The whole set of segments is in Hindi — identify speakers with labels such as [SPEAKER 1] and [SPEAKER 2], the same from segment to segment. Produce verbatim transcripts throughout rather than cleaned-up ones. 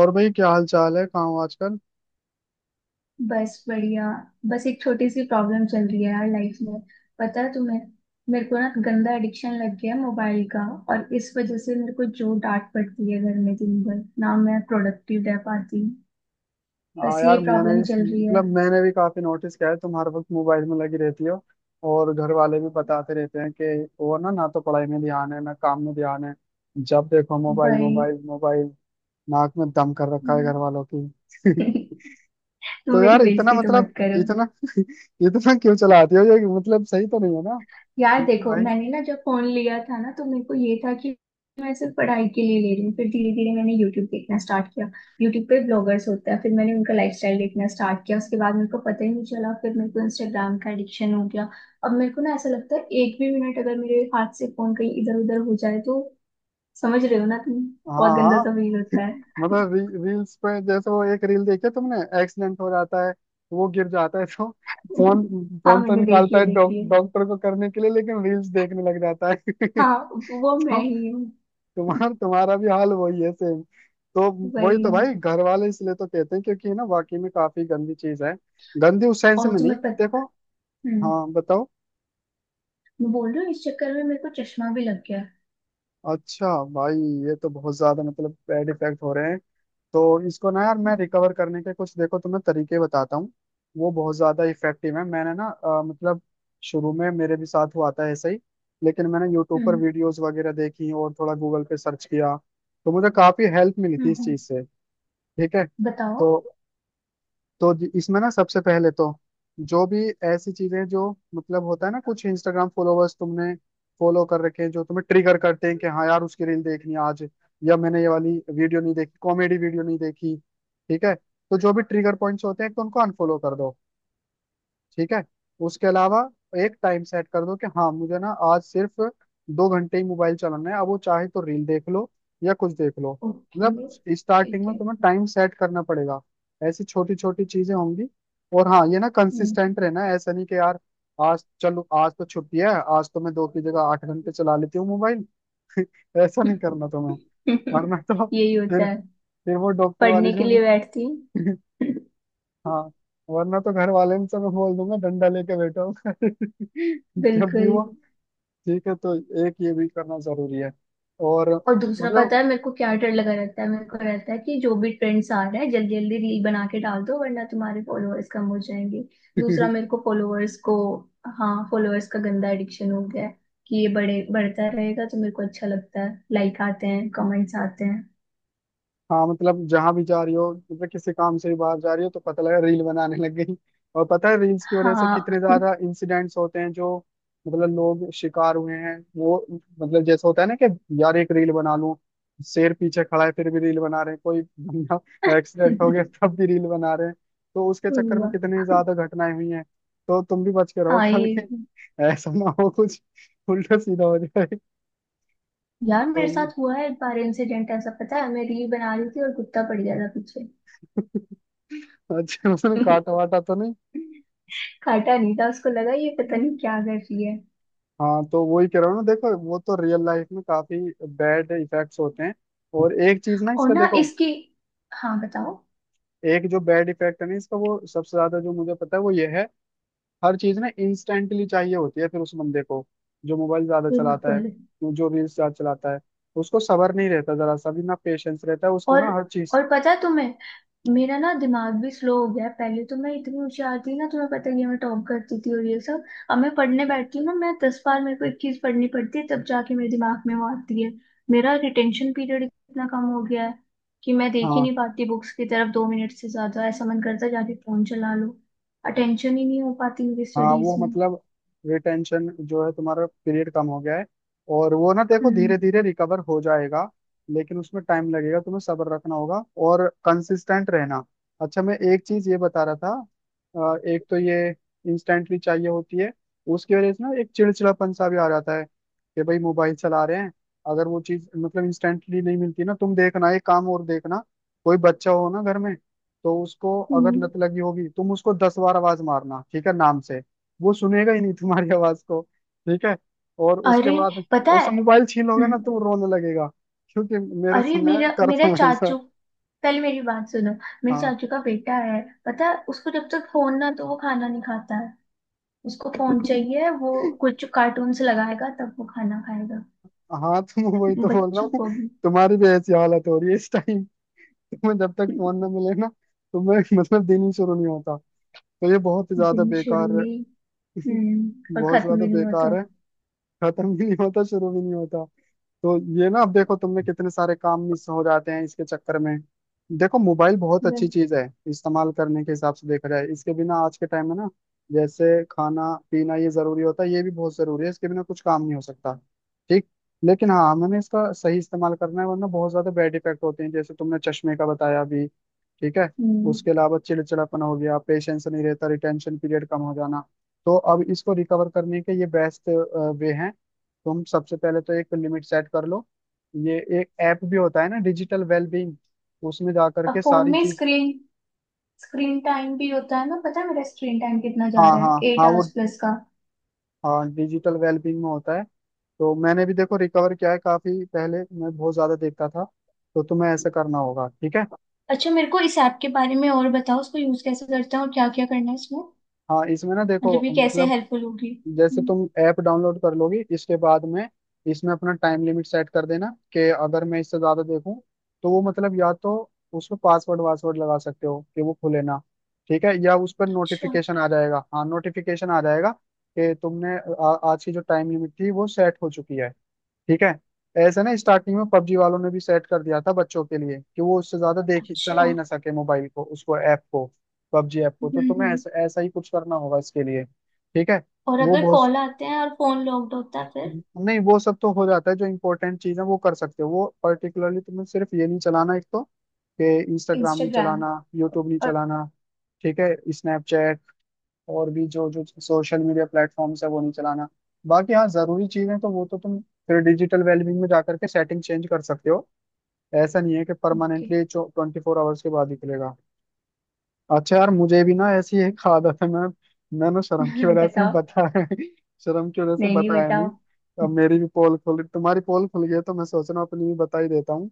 [SPEAKER 1] और भाई क्या हाल चाल है? कहाँ हो आजकल?
[SPEAKER 2] बस बढ़िया। बस एक छोटी सी प्रॉब्लम चल रही है यार लाइफ में। पता है तुम्हें? मेरे को ना गंदा एडिक्शन लग गया है मोबाइल का। और इस वजह से मेरे को जो डांट पड़ती है घर में दिन भर ना मैं प्रोडक्टिव रह पाती।
[SPEAKER 1] हाँ
[SPEAKER 2] बस ये
[SPEAKER 1] यार, मैंने
[SPEAKER 2] प्रॉब्लम चल
[SPEAKER 1] भी
[SPEAKER 2] रही है।
[SPEAKER 1] मतलब मैंने भी काफी नोटिस किया है, तुम हर वक्त मोबाइल में लगी रहती हो। और घर वाले भी बताते रहते हैं कि वो ना ना तो पढ़ाई में ध्यान है, ना काम में ध्यान है। जब देखो, मोबाइल
[SPEAKER 2] भाई,
[SPEAKER 1] मोबाइल मोबाइल। नाक में दम कर रखा है घर वालों की।
[SPEAKER 2] तुम
[SPEAKER 1] तो
[SPEAKER 2] मेरी
[SPEAKER 1] यार इतना
[SPEAKER 2] बेइज्जती तो मत
[SPEAKER 1] मतलब
[SPEAKER 2] करो।
[SPEAKER 1] इतना इतना क्यों चलाती हो ये? मतलब सही तो नहीं है ना।
[SPEAKER 2] यार
[SPEAKER 1] बिल्कुल
[SPEAKER 2] देखो,
[SPEAKER 1] भाई।
[SPEAKER 2] मैंने ना जब फोन लिया था ना तो मेरे को ये था कि मैं सिर्फ पढ़ाई के लिए ले रही हूँ। फिर धीरे धीरे मैंने यूट्यूब देखना स्टार्ट किया। यूट्यूब पे ब्लॉगर्स होते हैं, फिर मैंने उनका लाइफस्टाइल देखना स्टार्ट किया। उसके बाद मेरे को पता ही नहीं चला, फिर मेरे को इंस्टाग्राम का एडिक्शन हो गया। अब मेरे को ना ऐसा लगता है एक भी मिनट अगर मेरे हाथ से फोन कहीं इधर उधर हो जाए तो, समझ रहे हो ना तुम?
[SPEAKER 1] हाँ
[SPEAKER 2] बहुत गंदा
[SPEAKER 1] हाँ।
[SPEAKER 2] सा फील होता है।
[SPEAKER 1] मतलब री, रील्स पे, जैसे वो एक रील देखी है तुमने, एक्सीडेंट हो जाता है, वो गिर जाता है, तो फोन
[SPEAKER 2] हाँ,
[SPEAKER 1] फोन तो
[SPEAKER 2] मैंने
[SPEAKER 1] निकालता
[SPEAKER 2] देखी है
[SPEAKER 1] है डॉक-
[SPEAKER 2] देखी है।
[SPEAKER 1] डॉक्टर को करने के लिए, लेकिन रील्स देखने लग जाता है।
[SPEAKER 2] हाँ वो
[SPEAKER 1] तो
[SPEAKER 2] मैं ही हूँ।
[SPEAKER 1] तुम्हारा तुम्हारा भी हाल वही है, सेम। तो वही
[SPEAKER 2] वही
[SPEAKER 1] तो
[SPEAKER 2] हूँ।
[SPEAKER 1] भाई, घर वाले इसलिए तो कहते हैं, क्योंकि ना वाकई में काफी गंदी चीज है। गंदी उस सेंस
[SPEAKER 2] और
[SPEAKER 1] में नहीं।
[SPEAKER 2] तुम्हें
[SPEAKER 1] देखो।
[SPEAKER 2] पता,
[SPEAKER 1] हाँ बताओ।
[SPEAKER 2] मैं बोल रही हूँ इस चक्कर में मेरे को चश्मा भी लग गया।
[SPEAKER 1] अच्छा भाई, ये तो बहुत ज्यादा मतलब बैड इफेक्ट हो रहे हैं। तो इसको ना यार, मैं
[SPEAKER 2] हम्म,
[SPEAKER 1] रिकवर करने के कुछ, देखो, तुम्हें तरीके बताता हूँ। वो बहुत ज्यादा इफेक्टिव है। मैंने ना अ, मतलब शुरू में मेरे भी साथ हुआ था ऐसे ही, लेकिन मैंने यूट्यूब पर
[SPEAKER 2] हम्म
[SPEAKER 1] वीडियोस वगैरह देखी और थोड़ा गूगल पे सर्च किया, तो मुझे काफी हेल्प मिली थी
[SPEAKER 2] हम्म
[SPEAKER 1] इस
[SPEAKER 2] हम्म।
[SPEAKER 1] चीज से। ठीक है
[SPEAKER 2] बताओ।
[SPEAKER 1] तो तो ज- इसमें ना सबसे पहले तो, जो भी ऐसी चीजें जो, मतलब होता है ना कुछ इंस्टाग्राम फॉलोवर्स तुमने फॉलो कर रखे हैं जो तुम्हें ट्रिगर करते हैं कि हाँ यार, उसकी रील देखनी है आज, या मैंने ये वाली वीडियो नहीं देखी, कॉमेडी वीडियो नहीं देखी। ठीक है, तो जो भी ट्रिगर पॉइंट्स होते हैं, तो उनको अनफॉलो कर दो। ठीक है। उसके अलावा एक टाइम सेट कर दो कि हाँ, मुझे ना आज सिर्फ दो घंटे ही मोबाइल चलाना है, अब वो चाहे तो रील देख लो या कुछ देख लो। मतलब
[SPEAKER 2] ओके।
[SPEAKER 1] स्टार्टिंग
[SPEAKER 2] ठीक
[SPEAKER 1] में
[SPEAKER 2] है।
[SPEAKER 1] तुम्हें टाइम सेट करना पड़ेगा। ऐसी छोटी छोटी चीजें होंगी। और हाँ, ये ना
[SPEAKER 2] हम्म।
[SPEAKER 1] कंसिस्टेंट रहना है, ऐसा नहीं कि यार आज, चलो आज तो छुट्टी है, आज तो मैं दो की जगह आठ घंटे चला लेती हूँ मोबाइल। ऐसा नहीं करना तुम्हें, वरना तो
[SPEAKER 2] यही होता
[SPEAKER 1] फिर
[SPEAKER 2] है।
[SPEAKER 1] फिर वो डॉक्टर वाली
[SPEAKER 2] पढ़ने के लिए
[SPEAKER 1] जर्नी।
[SPEAKER 2] बैठती हूँ।
[SPEAKER 1] हाँ। वरना तो घर वाले से मैं बोल दूंगा डंडा लेके बैठा हूँ जब भी
[SPEAKER 2] बिल्कुल।
[SPEAKER 1] वो। ठीक है तो, एक ये भी करना जरूरी है। और
[SPEAKER 2] और दूसरा,
[SPEAKER 1] मतलब।
[SPEAKER 2] पता है मेरे को क्या डर लगा रहता है? मेरे को रहता है कि जो भी ट्रेंड्स आ रहा है जल्दी जल्दी रील बना के डाल दो वरना तुम्हारे फॉलोअर्स कम हो जाएंगे। दूसरा मेरे को फॉलोअर्स को। हाँ, फॉलोअर्स का गंदा एडिक्शन हो गया है कि ये बड़े बढ़ता रहेगा तो मेरे को अच्छा लगता है, लाइक आते हैं कमेंट्स आते हैं।
[SPEAKER 1] हाँ, मतलब जहां भी जा रही हो, मतलब किसी काम से भी बाहर जा रही हो तो पता लगा रील बनाने लग गई। और पता है रील्स की वजह से
[SPEAKER 2] हाँ।
[SPEAKER 1] कितने ज्यादा इंसिडेंट्स होते हैं जो, मतलब लोग शिकार हुए हैं, वो मतलब जैसा होता है ना कि यार एक रील बना लूं, शेर पीछे खड़ा है फिर भी रील बना रहे हैं कोई बंदा, एक्सीडेंट हो गया तब भी रील बना रहे हैं। तो उसके चक्कर में
[SPEAKER 2] हुआ।
[SPEAKER 1] कितनी ज्यादा घटनाएं हुई हैं। तो तुम भी बच के रहो
[SPEAKER 2] हाँ
[SPEAKER 1] कभी,
[SPEAKER 2] ये।
[SPEAKER 1] ऐसा ना हो कुछ उल्टा सीधा हो जाए।
[SPEAKER 2] यार,
[SPEAKER 1] तो
[SPEAKER 2] मेरे
[SPEAKER 1] ये,
[SPEAKER 2] साथ हुआ है एक बार इंसिडेंट ऐसा। पता है मैं रील बना रही थी और कुत्ता पड़ गया था पीछे।
[SPEAKER 1] अच्छा, उसने काटा वाटा तो नहीं?
[SPEAKER 2] काटा नहीं था, उसको लगा ये पता नहीं क्या कर रही है।
[SPEAKER 1] हाँ तो वही कह रहा हूँ ना, देखो वो तो रियल लाइफ में काफी बैड इफेक्ट्स होते हैं। और एक चीज ना
[SPEAKER 2] और
[SPEAKER 1] इसका,
[SPEAKER 2] ना
[SPEAKER 1] देखो,
[SPEAKER 2] इसकी। हाँ बताओ।
[SPEAKER 1] एक जो बैड इफेक्ट है ना इसका, वो सबसे ज्यादा जो मुझे पता है वो ये है, हर चीज ना इंस्टेंटली चाहिए होती है फिर उस बंदे को जो मोबाइल ज्यादा चलाता है,
[SPEAKER 2] बिल्कुल।
[SPEAKER 1] जो रील्स ज्यादा चलाता है, उसको सब्र नहीं रहता, जरा सा भी ना पेशेंस रहता है उसको
[SPEAKER 2] और
[SPEAKER 1] ना, हर चीज।
[SPEAKER 2] और पता है तुम्हें, मेरा ना दिमाग भी स्लो हो गया है। पहले तो मैं इतनी होशियार थी ना, तुम्हें पता ही है मैं टॉप करती थी और ये सब। अब मैं पढ़ने बैठती हूँ ना, मैं दस बार मेरे को एक चीज पढ़नी पड़ती है तब जाके मेरे दिमाग में वो आती है। मेरा रिटेंशन पीरियड इतना कम हो गया है कि मैं देख ही
[SPEAKER 1] हाँ
[SPEAKER 2] नहीं पाती बुक्स की तरफ दो मिनट से ज्यादा। ऐसा मन करता है जाके फोन चला लो। अटेंशन ही नहीं हो पाती मेरी
[SPEAKER 1] हाँ।
[SPEAKER 2] स्टडीज
[SPEAKER 1] वो
[SPEAKER 2] में।
[SPEAKER 1] मतलब रिटेंशन जो है तुम्हारा, पीरियड कम हो गया है, और वो ना देखो धीरे
[SPEAKER 2] हम्म
[SPEAKER 1] धीरे रिकवर हो जाएगा, लेकिन उसमें टाइम लगेगा, तुम्हें सब्र रखना होगा और कंसिस्टेंट रहना। अच्छा मैं एक चीज ये बता रहा था, अ, एक तो ये इंस्टेंटली चाहिए होती है, उसकी वजह से ना एक चिड़चिड़ापन सा भी आ जाता है कि भाई, मोबाइल चला रहे हैं, अगर वो चीज मतलब इंस्टेंटली नहीं मिलती ना, तुम देखना एक काम, और देखना कोई बच्चा हो ना घर में तो उसको अगर
[SPEAKER 2] हम्म।
[SPEAKER 1] लत लगी होगी, तुम उसको दस बार आवाज मारना, ठीक है, नाम से, वो सुनेगा ही नहीं तुम्हारी आवाज को। ठीक है, और उसके
[SPEAKER 2] अरे
[SPEAKER 1] बाद
[SPEAKER 2] पता है।
[SPEAKER 1] उससे मोबाइल छीन लोगे ना
[SPEAKER 2] हम्म।
[SPEAKER 1] तो वो रोने लगेगा, क्योंकि मेरे
[SPEAKER 2] अरे
[SPEAKER 1] समय
[SPEAKER 2] मेरा मेरा
[SPEAKER 1] करता हूँ ऐसा।
[SPEAKER 2] चाचू, पहले मेरी बात सुनो। मेरे
[SPEAKER 1] हाँ।
[SPEAKER 2] चाचू का बेटा है, पता है उसको जब तक फोन ना तो वो खाना नहीं खाता है। उसको फोन चाहिए, वो कुछ कार्टून से लगाएगा तब वो खाना खाएगा।
[SPEAKER 1] हाँ तुम, वही तो बोल रहा
[SPEAKER 2] बच्चों
[SPEAKER 1] हूँ,
[SPEAKER 2] को भी।
[SPEAKER 1] तुम्हारी भी ऐसी हालत हो रही है इस टाइम। तुम्हें जब तक फोन ना मिले ना तुम्हें मतलब दिन ही शुरू नहीं होता। तो ये बहुत ही ज्यादा
[SPEAKER 2] दिन शुरू
[SPEAKER 1] बेकार।
[SPEAKER 2] नहीं। हम्म और
[SPEAKER 1] बहुत
[SPEAKER 2] खत्म
[SPEAKER 1] ज्यादा
[SPEAKER 2] भी नहीं होता।
[SPEAKER 1] बेकार है। खत्म भी नहीं होता, शुरू भी नहीं होता। तो ये ना अब देखो तुमने, कितने सारे काम मिस हो जाते हैं इसके चक्कर में। देखो, मोबाइल बहुत
[SPEAKER 2] बस,
[SPEAKER 1] अच्छी चीज है इस्तेमाल करने के हिसाब से, देखा जाए इसके बिना आज के टाइम में ना, जैसे खाना पीना ये जरूरी होता है, ये भी बहुत जरूरी है, इसके बिना कुछ काम नहीं हो सकता। ठीक। लेकिन हाँ हमें इसका सही इस्तेमाल करना है, वरना बहुत ज्यादा बैड इफेक्ट होते हैं जैसे तुमने चश्मे का बताया अभी। ठीक है।
[SPEAKER 2] हम्म।
[SPEAKER 1] उसके अलावा चिड़चिड़ापन हो गया, पेशेंस नहीं रहता, रिटेंशन पीरियड कम हो जाना। तो अब इसको रिकवर करने के ये बेस्ट वे हैं। तुम सबसे पहले तो एक लिमिट सेट कर लो। ये एक ऐप भी होता है ना, डिजिटल वेलबींग। उसमें जा
[SPEAKER 2] अब
[SPEAKER 1] करके
[SPEAKER 2] फोन
[SPEAKER 1] सारी
[SPEAKER 2] में
[SPEAKER 1] चीज।
[SPEAKER 2] स्क्रीन स्क्रीन टाइम भी होता है ना, पता है मेरा स्क्रीन टाइम कितना जा
[SPEAKER 1] हाँ
[SPEAKER 2] रहा है?
[SPEAKER 1] हाँ
[SPEAKER 2] एट
[SPEAKER 1] हाँ वो,
[SPEAKER 2] आवर्स प्लस का।
[SPEAKER 1] हाँ डिजिटल वेलबींग में होता है। तो मैंने भी देखो रिकवर किया है काफी, पहले मैं बहुत ज्यादा देखता था। तो तुम्हें ऐसा करना होगा, ठीक है।
[SPEAKER 2] अच्छा मेरे को इस ऐप के बारे में और बताओ, उसको यूज कैसे करते हैं और क्या क्या करना है इसमें?
[SPEAKER 1] हाँ इसमें ना देखो,
[SPEAKER 2] मतलब ये कैसे
[SPEAKER 1] मतलब
[SPEAKER 2] हेल्पफुल होगी?
[SPEAKER 1] जैसे
[SPEAKER 2] हम्म,
[SPEAKER 1] तुम ऐप डाउनलोड कर लोगी इसके बाद में, इसमें अपना टाइम लिमिट सेट कर देना, कि अगर मैं इससे ज्यादा देखूं तो वो मतलब, या तो उस पर पासवर्ड वासवर्ड लगा सकते हो कि वो खुले ना, ठीक है, या उस पर
[SPEAKER 2] अच्छा।
[SPEAKER 1] नोटिफिकेशन आ जाएगा, हाँ नोटिफिकेशन आ जाएगा कि तुमने आ, आज की जो टाइम लिमिट थी वो सेट हो चुकी है। ठीक है। ऐसे ना स्टार्टिंग में पबजी वालों ने भी सेट कर दिया था बच्चों के लिए कि वो उससे ज्यादा देख ही चला
[SPEAKER 2] अच्छा।
[SPEAKER 1] ही ना सके मोबाइल को, उसको, ऐप को, पबजी ऐप को।
[SPEAKER 2] हम्म
[SPEAKER 1] तो तुम्हें
[SPEAKER 2] हम्म।
[SPEAKER 1] ऐसा ऐसा ही कुछ करना होगा इसके लिए। ठीक है।
[SPEAKER 2] और
[SPEAKER 1] वो
[SPEAKER 2] अगर
[SPEAKER 1] बहुत,
[SPEAKER 2] कॉल आते हैं और फोन लॉक्ड होता है फिर?
[SPEAKER 1] नहीं वो सब तो हो जाता है, जो इम्पोर्टेंट चीज है वो कर सकते हो, वो पर्टिकुलरली तुम्हें सिर्फ ये नहीं चलाना एक तो, कि इंस्टाग्राम नहीं
[SPEAKER 2] इंस्टाग्राम।
[SPEAKER 1] चलाना, यूट्यूब नहीं चलाना, ठीक है, स्नैपचैट और भी जो जो सोशल मीडिया प्लेटफॉर्म्स है वो नहीं चलाना, बाकी हाँ जरूरी चीजें तो वो तो तुम फिर डिजिटल वेलबींग में जाकर के सेटिंग चेंज कर सकते हो। ऐसा नहीं है कि
[SPEAKER 2] okay.
[SPEAKER 1] Permanently twenty four hours के बाद ही खुलेगा। अच्छा यार, मुझे भी ना ऐसी एक आदत है, मैं मैं ना शर्म की वजह से
[SPEAKER 2] बताओ,
[SPEAKER 1] बताया शर्म की वजह से
[SPEAKER 2] नहीं नहीं
[SPEAKER 1] बताया नहीं,
[SPEAKER 2] बताओ।
[SPEAKER 1] अब मेरी भी पोल खुल, तुम्हारी पोल खुल गई है, तो मैं सोच रहा हूँ अपनी भी बता ही देता हूँ।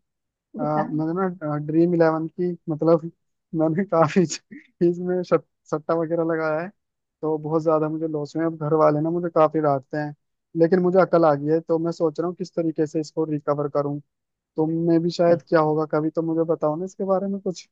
[SPEAKER 1] अ,
[SPEAKER 2] बताओ।
[SPEAKER 1] मैंने ना ड्रीम इलेवन की, मतलब मैंने काफी इसमें शट, सट्टा वगैरह लगाया है। तो बहुत ज्यादा मुझे लॉस हुए हैं। अब घर वाले ना मुझे काफी डांटते हैं, लेकिन मुझे अकल आ गई है, तो मैं सोच रहा हूँ किस तरीके से इसको रिकवर करूँ। तुमने भी शायद क्या होगा कभी, तो मुझे बताओ ना इसके बारे में कुछ,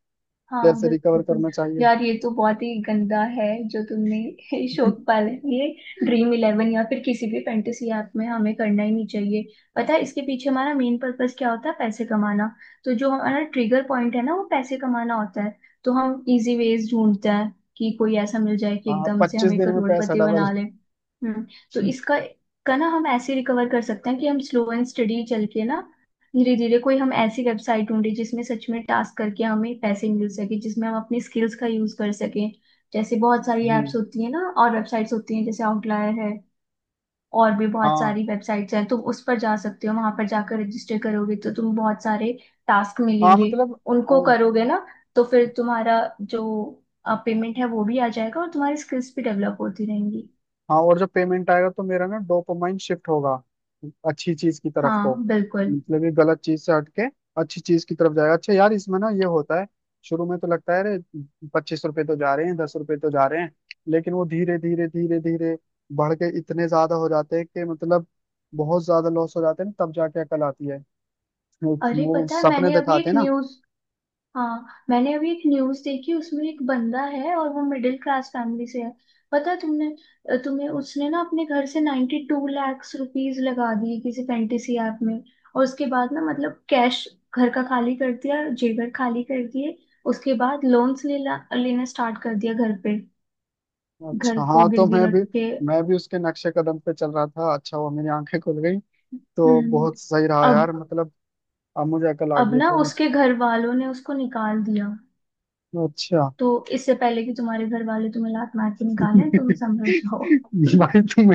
[SPEAKER 2] हाँ
[SPEAKER 1] कैसे रिकवर
[SPEAKER 2] बिल्कुल।
[SPEAKER 1] करना चाहिए।
[SPEAKER 2] यार ये तो बहुत ही गंदा है जो तुमने शौक पाला है ये। ड्रीम इलेवन या फिर किसी भी फैंटेसी ऐप में हमें करना ही नहीं चाहिए। पता है इसके पीछे हमारा मेन पर्पस क्या होता है? पैसे कमाना। तो जो हमारा ट्रिगर पॉइंट है ना, वो पैसे कमाना होता है। तो हम इजी वेज ढूंढते हैं कि कोई ऐसा मिल जाए कि
[SPEAKER 1] हाँ
[SPEAKER 2] एकदम से
[SPEAKER 1] पच्चीस
[SPEAKER 2] हमें
[SPEAKER 1] दिन में पैसा
[SPEAKER 2] करोड़पति
[SPEAKER 1] डबल।
[SPEAKER 2] बना ले। हम्म। तो इसका का ना हम ऐसे रिकवर कर सकते हैं कि हम स्लो एंड स्टडी चल के ना, धीरे धीरे कोई हम ऐसी वेबसाइट ढूंढे जिसमें सच में टास्क करके हमें पैसे मिल सके, जिसमें हम अपनी स्किल्स का यूज कर सकें। जैसे बहुत सारी
[SPEAKER 1] हम्म।
[SPEAKER 2] एप्स होती है ना और वेबसाइट्स होती हैं, जैसे आउटलायर है। और भी बहुत
[SPEAKER 1] हाँ
[SPEAKER 2] सारी वेबसाइट्स हैं, तुम उस पर जा सकते हो। वहां पर जाकर रजिस्टर करोगे तो तुम बहुत सारे टास्क
[SPEAKER 1] हाँ
[SPEAKER 2] मिलेंगे।
[SPEAKER 1] मतलब।
[SPEAKER 2] उनको करोगे ना तो फिर तुम्हारा जो पेमेंट है वो भी आ जाएगा और तुम्हारी स्किल्स भी डेवलप होती रहेंगी।
[SPEAKER 1] हाँ, और जब पेमेंट आएगा तो मेरा ना डोपामाइन शिफ्ट होगा, अच्छी चीज की तरफ को,
[SPEAKER 2] हाँ बिल्कुल।
[SPEAKER 1] मतलब ये गलत चीज से हटके अच्छी चीज की तरफ जाएगा। अच्छा यार इसमें ना ये होता है, शुरू में तो लगता है अरे, पच्चीस रुपए तो जा रहे हैं, दस रुपए तो जा रहे हैं, लेकिन वो धीरे धीरे धीरे धीरे बढ़ के इतने ज्यादा हो जाते हैं कि मतलब बहुत ज्यादा लॉस हो जाते हैं, ना तब जाके अकल आती है। वो
[SPEAKER 2] अरे
[SPEAKER 1] वो
[SPEAKER 2] पता है
[SPEAKER 1] सपने
[SPEAKER 2] मैंने अभी
[SPEAKER 1] दिखाते
[SPEAKER 2] एक
[SPEAKER 1] हैं ना।
[SPEAKER 2] न्यूज। हाँ मैंने अभी एक न्यूज देखी, उसमें एक बंदा है और वो मिडिल क्लास फैमिली से है। पता है तुमने, तुम्हें? उसने ना अपने घर से नाइन्टी टू लैक्स रुपीज लगा दिए किसी फैंटेसी ऐप में। और उसके बाद ना मतलब कैश घर का खाली कर दिया, जेवर खाली कर दिए। उसके बाद लोन्स लेना लेना स्टार्ट कर दिया घर पे।
[SPEAKER 1] अच्छा
[SPEAKER 2] घर को
[SPEAKER 1] हाँ, तो
[SPEAKER 2] गिरवी
[SPEAKER 1] मैं भी
[SPEAKER 2] रख के।
[SPEAKER 1] मैं भी उसके नक्शे कदम पे चल रहा था, अच्छा वो मेरी आंखें खुल गई। तो
[SPEAKER 2] हम्म।
[SPEAKER 1] बहुत सही रहा यार
[SPEAKER 2] अब।
[SPEAKER 1] मतलब, अब मुझे अकल आ गई
[SPEAKER 2] अब
[SPEAKER 1] है
[SPEAKER 2] ना
[SPEAKER 1] थोड़ी।
[SPEAKER 2] उसके घर वालों ने उसको निकाल दिया।
[SPEAKER 1] अच्छा।
[SPEAKER 2] तो इससे पहले कि तुम्हारे घर वाले तुम्हें लात मार के निकालें, तुम संभल जाओ।
[SPEAKER 1] भाई तुम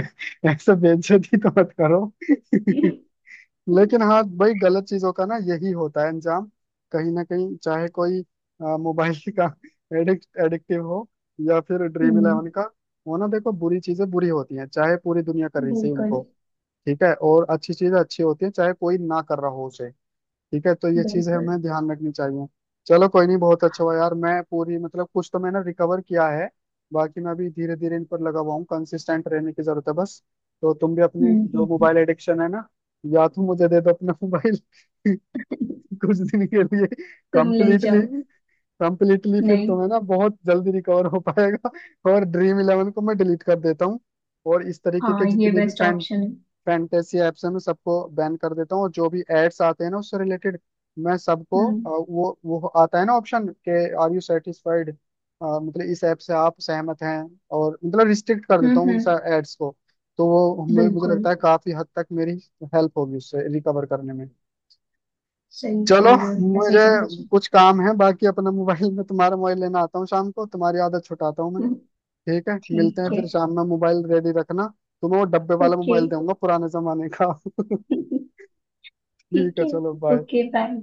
[SPEAKER 1] ऐसे बेइज्जती तो मत करो। लेकिन हाँ भाई गलत चीजों का ना यही होता है अंजाम, कहीं ना कहीं, चाहे कोई अ, मोबाइल का एडिक्ट एडिक्टिव हो या फिर ड्रीम
[SPEAKER 2] हम्म।
[SPEAKER 1] इलेवन का, वो ना देखो बुरी चीजें बुरी होती हैं चाहे पूरी दुनिया कर रही सही
[SPEAKER 2] बिल्कुल।
[SPEAKER 1] उनको। ठीक है, और अच्छी चीजें अच्छी होती हैं चाहे कोई ना कर रहा हो उसे। ठीक है तो ये चीज
[SPEAKER 2] बिल्कुल।
[SPEAKER 1] हमें ध्यान रखनी चाहिए। चलो कोई नहीं, बहुत अच्छा हुआ यार, मैं पूरी मतलब कुछ तो मैंने रिकवर किया है, बाकी मैं अभी धीरे धीरे इन पर लगा हुआ हूँ, कंसिस्टेंट रहने की जरूरत है बस। तो तुम भी अपने
[SPEAKER 2] हम्म
[SPEAKER 1] जो
[SPEAKER 2] हम्म।
[SPEAKER 1] मोबाइल एडिक्शन है ना, या तो मुझे दे दो अपना मोबाइल
[SPEAKER 2] हम्म।
[SPEAKER 1] कुछ दिन के लिए,
[SPEAKER 2] तुम ले
[SPEAKER 1] कंप्लीटली
[SPEAKER 2] जाओ।
[SPEAKER 1] कंप्लीटली फिर
[SPEAKER 2] नहीं।
[SPEAKER 1] तुम्हें ना बहुत जल्दी रिकवर हो पाएगा। और ड्रीम इलेवन को मैं डिलीट कर देता हूँ और इस तरीके के
[SPEAKER 2] हाँ ये
[SPEAKER 1] जितने भी
[SPEAKER 2] बेस्ट
[SPEAKER 1] फैन
[SPEAKER 2] ऑप्शन है।
[SPEAKER 1] फैंटेसी ऐप से मैं सबको बैन कर देता हूँ, और जो भी एड्स आते हैं ना उससे रिलेटेड, मैं सबको
[SPEAKER 2] हम्म
[SPEAKER 1] अ, वो वो आता है ना ऑप्शन, के आर यू सेटिस्फाइड, मतलब इस ऐप से आप सहमत हैं, और मतलब रिस्ट्रिक्ट कर
[SPEAKER 2] हम्म।
[SPEAKER 1] देता हूँ उन
[SPEAKER 2] हम्म,
[SPEAKER 1] एड्स को, तो वो मुझे मुझे
[SPEAKER 2] बिल्कुल।
[SPEAKER 1] लगता है काफी हद तक मेरी हेल्प होगी उससे रिकवर करने में।
[SPEAKER 2] सही
[SPEAKER 1] चलो
[SPEAKER 2] बोल रहे हो, ऐसा ही
[SPEAKER 1] मुझे
[SPEAKER 2] करना चाहिए।
[SPEAKER 1] कुछ काम है बाकी अपना मोबाइल में तुम्हारा मोबाइल लेना आता हूँ शाम को, तुम्हारी आदत छुटाता हूँ मैं।
[SPEAKER 2] हम्म,
[SPEAKER 1] ठीक है,
[SPEAKER 2] ठीक
[SPEAKER 1] मिलते हैं
[SPEAKER 2] है।
[SPEAKER 1] फिर शाम में, मोबाइल रेडी रखना। तुम्हें वो डब्बे वाला
[SPEAKER 2] ओके।
[SPEAKER 1] मोबाइल दूंगा पुराने जमाने का। ठीक
[SPEAKER 2] ठीक
[SPEAKER 1] है,
[SPEAKER 2] है।
[SPEAKER 1] चलो बाय।
[SPEAKER 2] Okay bye.